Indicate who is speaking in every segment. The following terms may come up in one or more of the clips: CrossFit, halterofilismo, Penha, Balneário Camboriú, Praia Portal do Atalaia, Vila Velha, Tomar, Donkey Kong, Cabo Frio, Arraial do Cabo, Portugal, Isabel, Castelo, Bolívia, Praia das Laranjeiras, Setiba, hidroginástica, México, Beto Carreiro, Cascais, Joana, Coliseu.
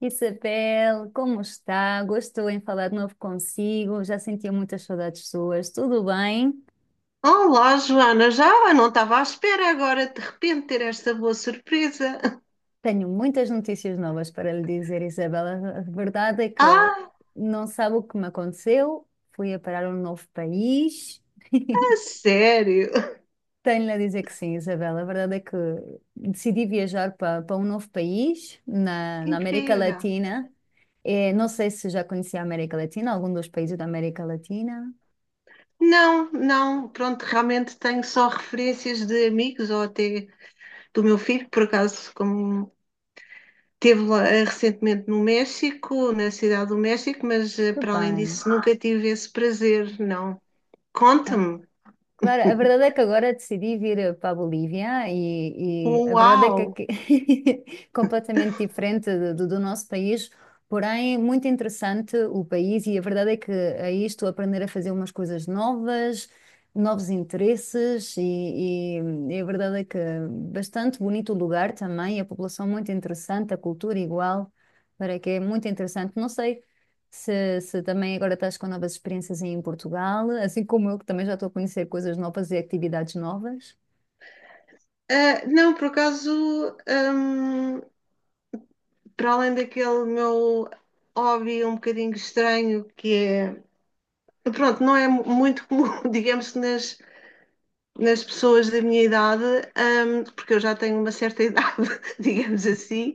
Speaker 1: Isabel, como está? Gostou em falar de novo consigo? Já sentia muitas saudades suas. Tudo bem?
Speaker 2: Olá, Joana, não estava à espera agora de repente ter esta boa surpresa.
Speaker 1: Tenho muitas notícias novas para lhe dizer, Isabel. A verdade é que
Speaker 2: Ah,
Speaker 1: não sabe o que me aconteceu. Fui a parar a um novo país.
Speaker 2: a sério?
Speaker 1: Tenho-lhe a dizer que sim, Isabel. A verdade é que decidi viajar para um novo país na América
Speaker 2: Incrível.
Speaker 1: Latina. Não sei se já conhecia a América Latina, algum dos países da América Latina.
Speaker 2: Não, não, pronto, realmente tenho só referências de amigos ou até do meu filho, por acaso, como esteve lá recentemente no México, na cidade do México, mas
Speaker 1: Que
Speaker 2: para além
Speaker 1: bem.
Speaker 2: disso nunca tive esse prazer, não.
Speaker 1: Ah,
Speaker 2: Conta-me.
Speaker 1: Claro, a verdade é que agora decidi vir para a Bolívia e a verdade é que
Speaker 2: Uau!
Speaker 1: aqui completamente diferente do nosso país, porém muito interessante o país e a verdade é que aí estou a aprender a fazer umas coisas novas, novos interesses e- e a verdade é que bastante bonito o lugar também, a população muito interessante, a cultura igual, para que é muito interessante. Não sei se, se também agora estás com novas experiências em Portugal, assim como eu, que também já estou a conhecer coisas novas e atividades novas.
Speaker 2: Ah, não, por acaso, para além daquele meu hobby um bocadinho estranho, que é, pronto, não é muito comum, digamos nas pessoas da minha idade, porque eu já tenho uma certa idade, digamos assim.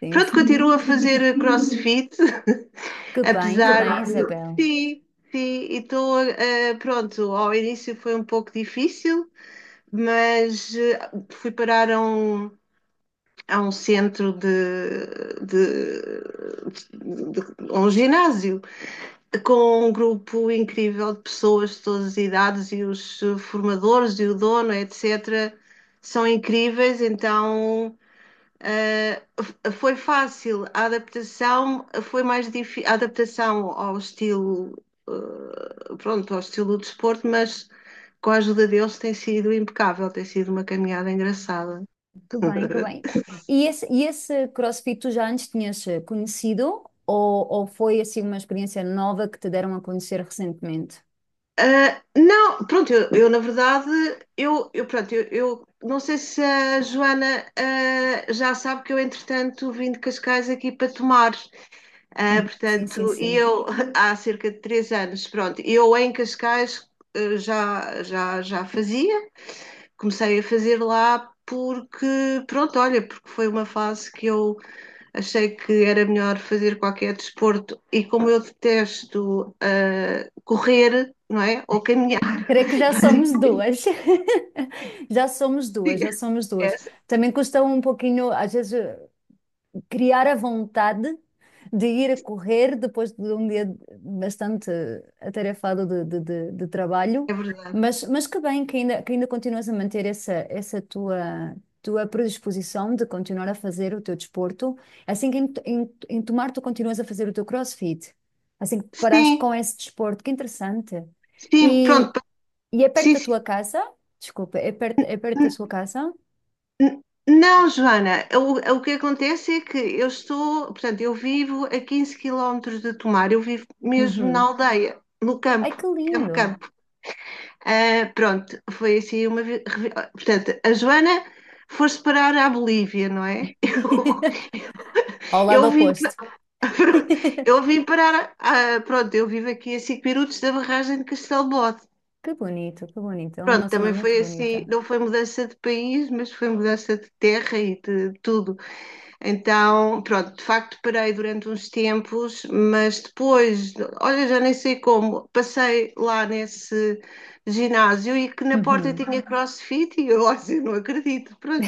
Speaker 1: Sim,
Speaker 2: Pronto,
Speaker 1: sim.
Speaker 2: continuo a fazer crossfit,
Speaker 1: Que
Speaker 2: apesar
Speaker 1: bem,
Speaker 2: de.
Speaker 1: Isabel.
Speaker 2: Sim, sim, e estou, pronto, ao início foi um pouco difícil, mas fui parar a um, centro de, de- a um ginásio. Com um grupo incrível de pessoas de todas as idades e os formadores e o dono, etc., são incríveis, então foi fácil. A adaptação foi mais difícil, a adaptação ao estilo, pronto, ao estilo do desporto, mas com a ajuda deles tem sido impecável, tem sido uma caminhada engraçada.
Speaker 1: Que bem, que bem. E esse CrossFit tu já antes tinhas conhecido ou foi assim uma experiência nova que te deram a conhecer recentemente?
Speaker 2: Ah, não, pronto, eu, na verdade, eu pronto, eu não sei se a Joana já sabe que eu, entretanto, vim de Cascais aqui para tomar. Ah,
Speaker 1: Uhum. Sim, sim,
Speaker 2: portanto, e
Speaker 1: sim.
Speaker 2: eu há cerca de 3 anos, pronto, eu em Cascais já fazia, comecei a fazer lá porque, pronto, olha, porque foi uma fase que eu achei que era melhor fazer qualquer desporto e como eu detesto correr, não é, ou caminhar.
Speaker 1: Creio que já
Speaker 2: Fazem
Speaker 1: somos duas. Já somos duas,
Speaker 2: fria.
Speaker 1: já somos duas.
Speaker 2: Essa
Speaker 1: Também custa um pouquinho, às vezes, criar a vontade de ir a correr depois de um dia bastante atarefado de, de trabalho,
Speaker 2: é verdade.
Speaker 1: mas que bem que ainda continuas a manter essa, essa tua, tua predisposição de continuar a fazer o teu desporto, assim que em, em, em tomar tu continuas a fazer o teu CrossFit, assim que paraste com
Speaker 2: Sim,
Speaker 1: esse desporto, que interessante.
Speaker 2: sim,
Speaker 1: E,
Speaker 2: pronto.
Speaker 1: e é perto
Speaker 2: Sim,
Speaker 1: da
Speaker 2: sim.
Speaker 1: tua casa? Desculpa, é perto da
Speaker 2: N-
Speaker 1: sua casa?
Speaker 2: n- Não, Joana, o que acontece é que eu estou, portanto, eu vivo a 15 quilómetros de Tomar, eu vivo mesmo na
Speaker 1: Uhum.
Speaker 2: aldeia, no
Speaker 1: Ai, que
Speaker 2: campo, campo,
Speaker 1: lindo!
Speaker 2: campo. Ah, pronto, foi assim uma. Portanto, a Joana foi-se parar à Bolívia, não é?
Speaker 1: Ao
Speaker 2: Eu,
Speaker 1: lado
Speaker 2: eu vim,
Speaker 1: oposto.
Speaker 2: pa- eu vim parar, pronto, eu vivo aqui a 5 minutos da barragem de Castelo.
Speaker 1: Que bonito, que bonito. É uma
Speaker 2: Pronto,
Speaker 1: zona
Speaker 2: também
Speaker 1: muito
Speaker 2: foi assim,
Speaker 1: bonita.
Speaker 2: não foi mudança de país, mas foi mudança de terra e de tudo. Então, pronto, de facto parei durante uns tempos, mas depois, olha, já nem sei como, passei lá nesse ginásio e que na porta
Speaker 1: Uhum.
Speaker 2: tinha CrossFit e eu, olha, eu não acredito, pronto.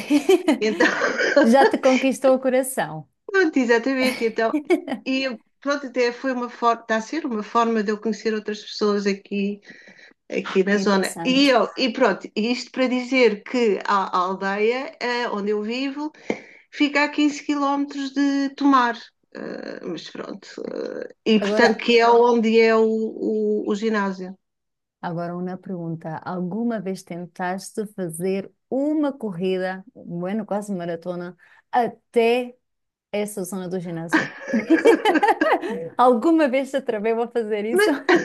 Speaker 2: Então,
Speaker 1: Já te conquistou o coração.
Speaker 2: pronto, exatamente, então, e pronto, até foi uma forma, está a ser uma forma de eu conhecer outras pessoas aqui na
Speaker 1: Que
Speaker 2: zona. E,
Speaker 1: interessante.
Speaker 2: eu, e pronto, isto para dizer que a aldeia onde eu vivo fica a 15 quilómetros de Tomar. Mas pronto, e
Speaker 1: Agora,
Speaker 2: portanto que é onde é o ginásio.
Speaker 1: agora uma pergunta. Alguma vez tentaste fazer uma corrida, bueno, quase maratona, até essa zona do ginásio? Alguma vez te atreveu a fazer isso?
Speaker 2: mas,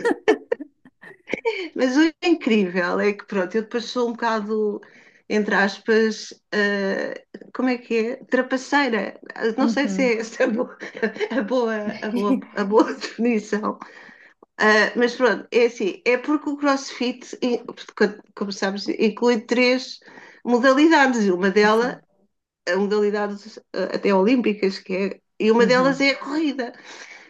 Speaker 2: mas o incrível é que pronto, eu depois sou um bocado, entre aspas, como é que é? Trapaceira. Não sei se
Speaker 1: Uhum.
Speaker 2: é essa a boa, a boa, a boa definição. Ah, mas pronto, é assim, é porque o CrossFit, como sabes, inclui três modalidades, e uma delas,
Speaker 1: Sim.
Speaker 2: até olímpicas, e uma delas
Speaker 1: Uhum.
Speaker 2: é a corrida.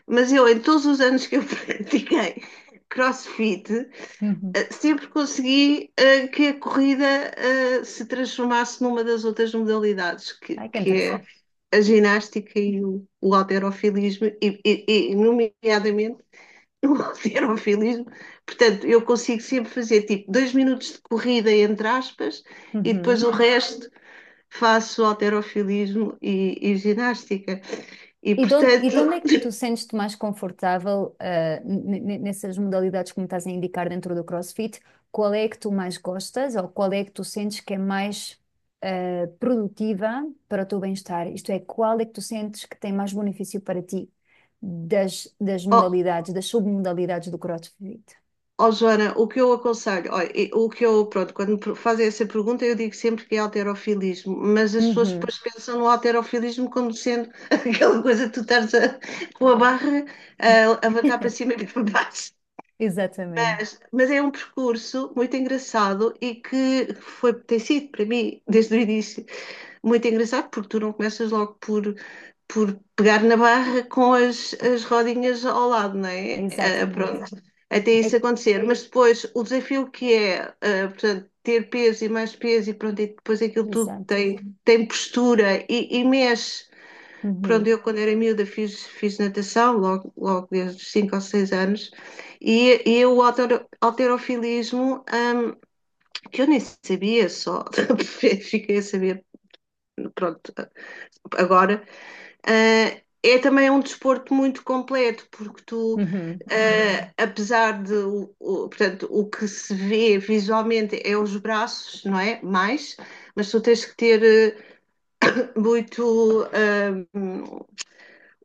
Speaker 2: Mas eu, em todos os anos que eu pratiquei CrossFit,
Speaker 1: Uhum.
Speaker 2: sempre consegui que a corrida se transformasse numa das outras modalidades, que,
Speaker 1: Ai, que
Speaker 2: que
Speaker 1: interessante.
Speaker 2: é a ginástica e o halterofilismo, nomeadamente o alterofilismo. Portanto, eu consigo sempre fazer tipo 2 minutos de corrida, entre aspas, e depois o
Speaker 1: Uhum.
Speaker 2: resto faço alterofilismo e ginástica. E
Speaker 1: E
Speaker 2: portanto,
Speaker 1: de onde é que tu sentes-te mais confortável, nessas modalidades que me estás a indicar dentro do CrossFit? Qual é que tu mais gostas ou qual é que tu sentes que é mais, produtiva para o teu bem-estar? Isto é, qual é que tu sentes que tem mais benefício para ti das, das
Speaker 2: oh,
Speaker 1: modalidades, das submodalidades do CrossFit?
Speaker 2: oh, Joana, o que eu aconselho, pronto, quando me fazem essa pergunta, eu digo sempre que é alterofilismo, mas as pessoas
Speaker 1: Uhum.
Speaker 2: depois pensam no alterofilismo como sendo aquela coisa que tu estás a, com a barra a levantar para cima e para baixo.
Speaker 1: Exatamente,
Speaker 2: Mas é um percurso muito engraçado e que foi, tem sido para mim, desde o início, muito engraçado, porque tu não começas logo por, pegar na barra com as rodinhas ao lado, não é? Ah,
Speaker 1: exatamente.
Speaker 2: pronto, até
Speaker 1: É,
Speaker 2: isso acontecer. Mas depois o desafio que é, portanto, ter peso e mais peso e pronto, e depois aquilo tudo
Speaker 1: exato.
Speaker 2: tem, postura e mexe. Pronto,
Speaker 1: Uhum,
Speaker 2: eu quando era miúda fiz natação, logo, logo desde os 5 ou 6 anos, e o halterofilismo, que eu nem sabia só, fiquei a saber, pronto, agora, é também um desporto muito completo, porque tu,
Speaker 1: uhum.
Speaker 2: apesar de, portanto, o que se vê visualmente é os braços, não é? Mas tu tens que ter muito,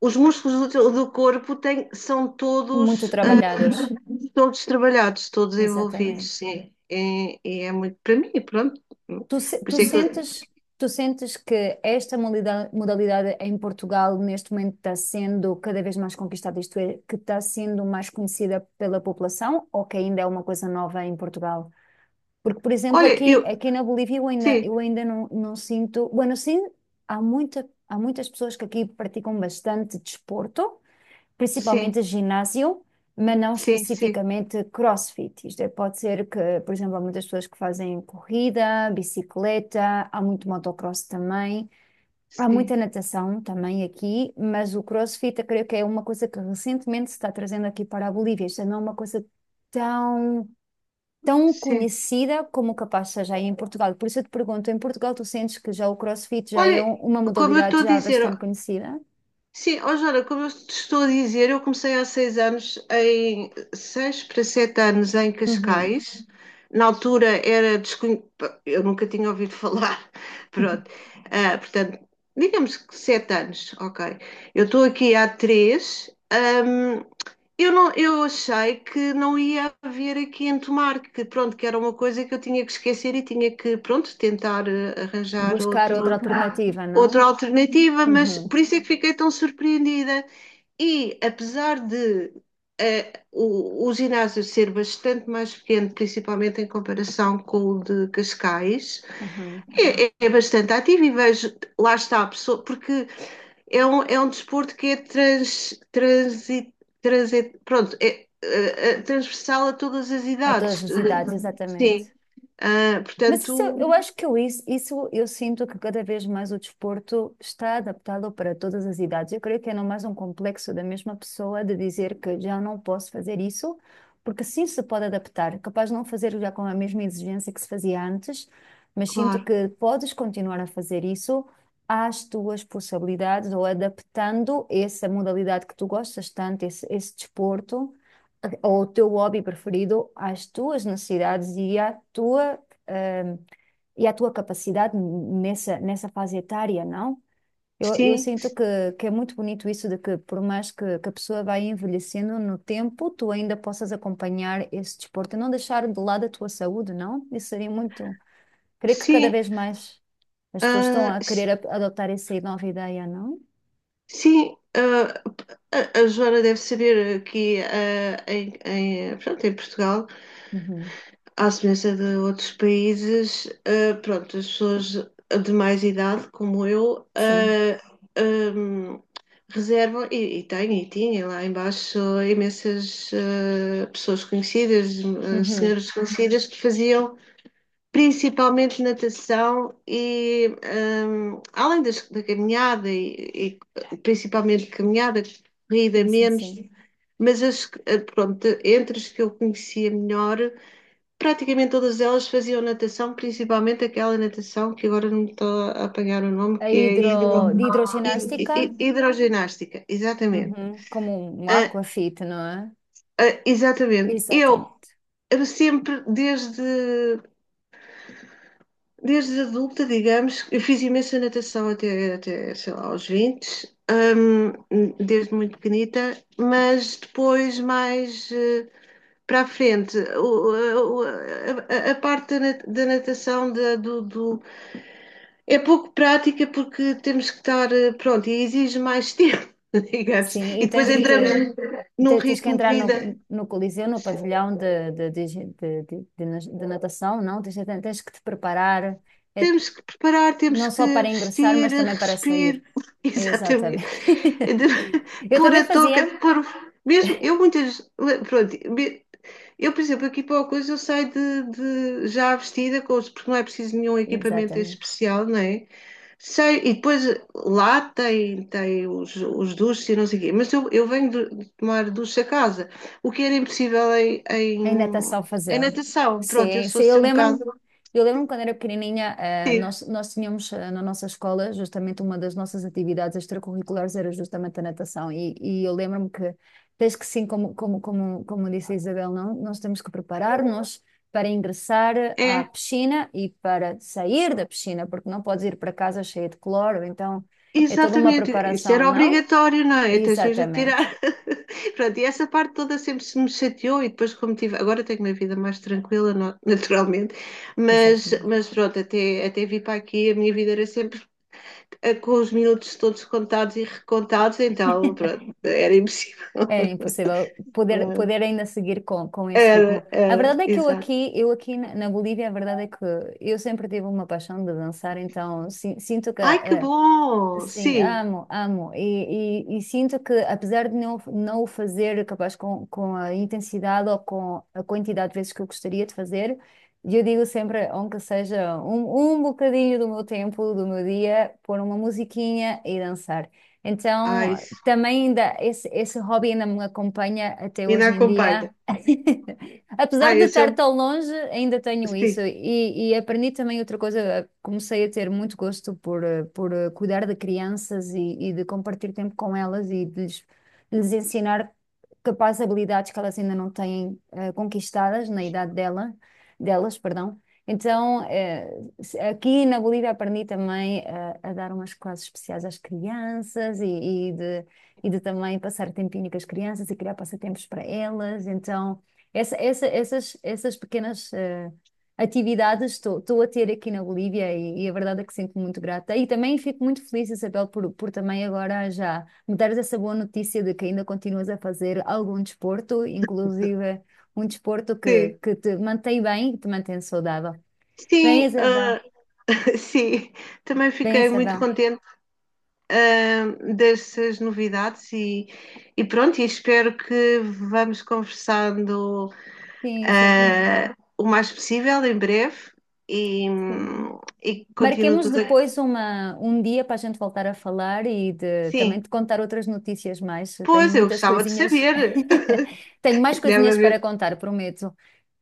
Speaker 2: os músculos do, do corpo são
Speaker 1: Muito
Speaker 2: todos,
Speaker 1: trabalhados,
Speaker 2: todos trabalhados, todos envolvidos,
Speaker 1: exatamente.
Speaker 2: sim. E é muito para mim, pronto. Por
Speaker 1: Tu, se-
Speaker 2: isso é que eu,
Speaker 1: tu sentes que esta molida- modalidade em Portugal neste momento está sendo cada vez mais conquistada, isto é, que está sendo mais conhecida pela população ou que ainda é uma coisa nova em Portugal? Porque, por exemplo,
Speaker 2: olha,
Speaker 1: aqui,
Speaker 2: eu,
Speaker 1: aqui na Bolívia
Speaker 2: sim,
Speaker 1: eu ainda não, não sinto. Bueno, sim, há muita, há muitas pessoas que aqui praticam bastante desporto,
Speaker 2: sim,
Speaker 1: principalmente ginásio, mas não
Speaker 2: sim, sim,
Speaker 1: especificamente CrossFit. Isto é, pode ser que, por exemplo, há muitas pessoas que fazem corrida, bicicleta, há muito motocross também, há muita
Speaker 2: sim,
Speaker 1: natação também aqui, mas o CrossFit eu creio que é uma coisa que recentemente se está trazendo aqui para a Bolívia. Isto não é uma coisa tão, tão
Speaker 2: sim.
Speaker 1: conhecida como capaz seja aí em Portugal. Por isso eu te pergunto, em Portugal tu sentes que já o CrossFit já é
Speaker 2: Olha,
Speaker 1: um- uma
Speaker 2: como eu estou
Speaker 1: modalidade
Speaker 2: a
Speaker 1: já
Speaker 2: dizer
Speaker 1: bastante conhecida?
Speaker 2: Sim, ó Joana, como eu te estou a dizer, eu comecei há 6 anos, em 6 para 7 anos em
Speaker 1: Uhum.
Speaker 2: Cascais. Na altura era desconhecido, eu nunca tinha ouvido falar, pronto. Ah, portanto, digamos que 7 anos, ok. Eu estou aqui há três. Eu não, eu achei que não ia haver aqui em Tomar, que pronto, que era uma coisa que eu tinha que esquecer e tinha que, pronto, tentar arranjar
Speaker 1: Buscar outra
Speaker 2: outro
Speaker 1: alternativa,
Speaker 2: outra
Speaker 1: não?
Speaker 2: alternativa, mas
Speaker 1: Uhum,
Speaker 2: por isso é que fiquei tão surpreendida. E apesar de o ginásio ser bastante mais pequeno, principalmente em comparação com o de Cascais,
Speaker 1: uhum.
Speaker 2: é bastante ativo e vejo, lá está a pessoa, porque é um desporto que é trans, transi, trans pronto, é, transversal a todas as
Speaker 1: A todas
Speaker 2: idades.
Speaker 1: as idades, exatamente.
Speaker 2: Sim. Ah,
Speaker 1: Mas isso,
Speaker 2: portanto,
Speaker 1: eu acho que eu, isso eu sinto que cada vez mais o desporto está adaptado para todas as idades. Eu creio que é não mais um complexo da mesma pessoa de dizer que já não posso fazer isso, porque sim se pode adaptar. Capaz de não fazer já com a mesma exigência que se fazia antes, mas sinto
Speaker 2: claro,
Speaker 1: que podes continuar a fazer isso às tuas possibilidades ou adaptando essa modalidade que tu gostas tanto, esse desporto ou o teu hobby preferido às tuas necessidades e à tua hum, e a tua capacidade nessa, nessa fase etária, não? Eu
Speaker 2: sim,
Speaker 1: sinto que é muito bonito isso de que, por mais que a pessoa vai envelhecendo no tempo, tu ainda possas acompanhar esse desporto e não deixar de lado a tua saúde, não? Isso seria muito. Creio que cada
Speaker 2: sim.
Speaker 1: vez mais as pessoas estão
Speaker 2: Ah,
Speaker 1: a
Speaker 2: sim.
Speaker 1: querer a- adotar essa nova ideia, não?
Speaker 2: Sim, a Joana deve saber que pronto, em Portugal,
Speaker 1: Uhum.
Speaker 2: à semelhança de outros países, pronto, as pessoas de mais idade, como eu,
Speaker 1: Sim.
Speaker 2: ahm, reservam, e têm, e tinha lá embaixo imensas pessoas conhecidas,
Speaker 1: Uhum.
Speaker 2: senhoras conhecidas que faziam. Principalmente natação e além da caminhada e principalmente caminhada, corrida
Speaker 1: Sim, sim,
Speaker 2: menos,
Speaker 1: sim.
Speaker 2: mas pronto, entre as que eu conhecia melhor, praticamente todas elas faziam natação, principalmente aquela natação que agora não me estou a apanhar o nome,
Speaker 1: A
Speaker 2: que é
Speaker 1: hidro, de hidroginástica,
Speaker 2: hidroginástica, exatamente.
Speaker 1: uhum. Como um
Speaker 2: Ah,
Speaker 1: aquafit, não é?
Speaker 2: ah, exatamente.
Speaker 1: Exatamente.
Speaker 2: Eu sempre, desde adulta, digamos, eu fiz imensa natação até, sei lá, aos 20, desde muito pequenita, mas depois, mais para a frente, a parte da natação é pouco prática porque temos que estar, pronto, e exige mais tempo, digamos,
Speaker 1: Sim,
Speaker 2: e
Speaker 1: e
Speaker 2: depois
Speaker 1: tens que
Speaker 2: entramos
Speaker 1: te
Speaker 2: num
Speaker 1: Te- Tens que
Speaker 2: ritmo de
Speaker 1: entrar
Speaker 2: vida.
Speaker 1: no, no Coliseu, no pavilhão de, de nas- de natação, não? Tens, tens que te preparar, é,
Speaker 2: Temos que preparar, temos
Speaker 1: não só
Speaker 2: que
Speaker 1: para ingressar,
Speaker 2: vestir,
Speaker 1: mas também para
Speaker 2: respirar,
Speaker 1: sair. Exatamente.
Speaker 2: exatamente,
Speaker 1: Eu
Speaker 2: pôr
Speaker 1: também
Speaker 2: a touca,
Speaker 1: fazia.
Speaker 2: mesmo, pronto, eu, por exemplo, aqui para a coisa eu saio de, já vestida, com porque não é preciso nenhum equipamento
Speaker 1: Exatamente.
Speaker 2: especial, não é? Sei, e depois lá tem os duches e não sei o quê, mas eu venho de tomar duche a casa, o que era impossível em,
Speaker 1: Ainda está só a fazê-lo.
Speaker 2: natação. Pronto, eu
Speaker 1: Sim,
Speaker 2: sou
Speaker 1: sim,
Speaker 2: assim um bocado.
Speaker 1: eu lembro-me quando era pequenininha, nós, nós tínhamos na nossa escola, justamente uma das nossas atividades extracurriculares era justamente a natação, e eu lembro-me que, desde que sim, como, como, como, como disse a Isabel, não, nós temos que preparar-nos para ingressar à
Speaker 2: É.
Speaker 1: piscina e para sair da piscina, porque não podes ir para casa cheia de cloro, então é toda uma
Speaker 2: Exatamente, isso
Speaker 1: preparação,
Speaker 2: era
Speaker 1: não?
Speaker 2: obrigatório, não é? Tens mesmo que
Speaker 1: Exatamente,
Speaker 2: tirar. Pronto, e essa parte toda sempre se me chateou e depois como tive, agora tenho uma vida mais tranquila, naturalmente, mas,
Speaker 1: exatamente.
Speaker 2: mas pronto, até vir para aqui a minha vida era sempre com os minutos todos contados e recontados, então pronto, era impossível.
Speaker 1: Era impossível poder,
Speaker 2: Claro.
Speaker 1: poder ainda seguir com esse ritmo.
Speaker 2: Era,
Speaker 1: A
Speaker 2: era,
Speaker 1: verdade é que
Speaker 2: exato.
Speaker 1: eu aqui na, na Bolívia, a verdade é que eu sempre tive uma paixão de dançar, então si- sinto que
Speaker 2: Ai, que
Speaker 1: a,
Speaker 2: bom!
Speaker 1: Sim,
Speaker 2: Sim,
Speaker 1: amo, amo. E sinto que, apesar de não, não o fazer capaz com a intensidade ou com a quantidade de vezes que eu gostaria de fazer, eu digo sempre, aunque seja um, um bocadinho do meu tempo, do meu dia, pôr uma musiquinha e dançar.
Speaker 2: ai,
Speaker 1: Então, também ainda, esse hobby ainda me acompanha até
Speaker 2: ainda
Speaker 1: hoje em dia.
Speaker 2: acompanha.
Speaker 1: Apesar
Speaker 2: Ai,
Speaker 1: de
Speaker 2: esse é
Speaker 1: estar
Speaker 2: um.
Speaker 1: tão longe, ainda tenho isso.
Speaker 2: Sim,
Speaker 1: E aprendi também outra coisa. Comecei a ter muito gosto por, cuidar de crianças e de compartilhar tempo com elas e de lhes, lhes ensinar capazes habilidades que elas ainda não têm conquistadas na idade dela, delas, perdão. Então, se- aqui na Bolívia aprendi também a dar umas classes especiais às crianças e de também passar tempinho com as crianças e criar passatempos para elas. Então, essa- essa- essas, essas pequenas atividades estou a ter aqui na Bolívia e a verdade é que sinto-me muito grata. E também fico muito feliz, Isabel, por também agora já me dares essa boa notícia de que ainda continuas a fazer algum desporto, inclusive um desporto
Speaker 2: sim.
Speaker 1: que te mantém bem e te mantém saudável. Bem,
Speaker 2: Sim,
Speaker 1: Isabel.
Speaker 2: Sim, também
Speaker 1: Bem,
Speaker 2: fiquei muito
Speaker 1: Isabel.
Speaker 2: contente ah, dessas novidades e pronto, e espero que vamos conversando
Speaker 1: Sim, Isabel.
Speaker 2: o mais possível em breve e,
Speaker 1: Sim.
Speaker 2: e continuo
Speaker 1: Marquemos
Speaker 2: tudo aqui.
Speaker 1: depois uma, um dia para a gente voltar a falar e de, também
Speaker 2: Sim,
Speaker 1: te contar outras notícias mais. Tenho
Speaker 2: pois eu
Speaker 1: muitas
Speaker 2: gostava de
Speaker 1: coisinhas,
Speaker 2: saber.
Speaker 1: tenho mais
Speaker 2: Deve
Speaker 1: coisinhas para
Speaker 2: haver.
Speaker 1: contar, prometo.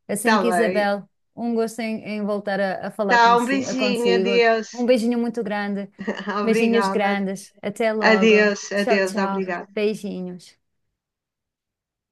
Speaker 1: Assim
Speaker 2: Está
Speaker 1: que
Speaker 2: bem.
Speaker 1: Isabel, um gosto em, em voltar a falar
Speaker 2: Tá, um
Speaker 1: consi a
Speaker 2: beijinho,
Speaker 1: consigo. Um
Speaker 2: adeus.
Speaker 1: beijinho muito grande, beijinhos
Speaker 2: Obrigada.
Speaker 1: grandes. Até logo.
Speaker 2: Adeus,
Speaker 1: Tchau,
Speaker 2: adeus,
Speaker 1: tchau.
Speaker 2: obrigada.
Speaker 1: Beijinhos.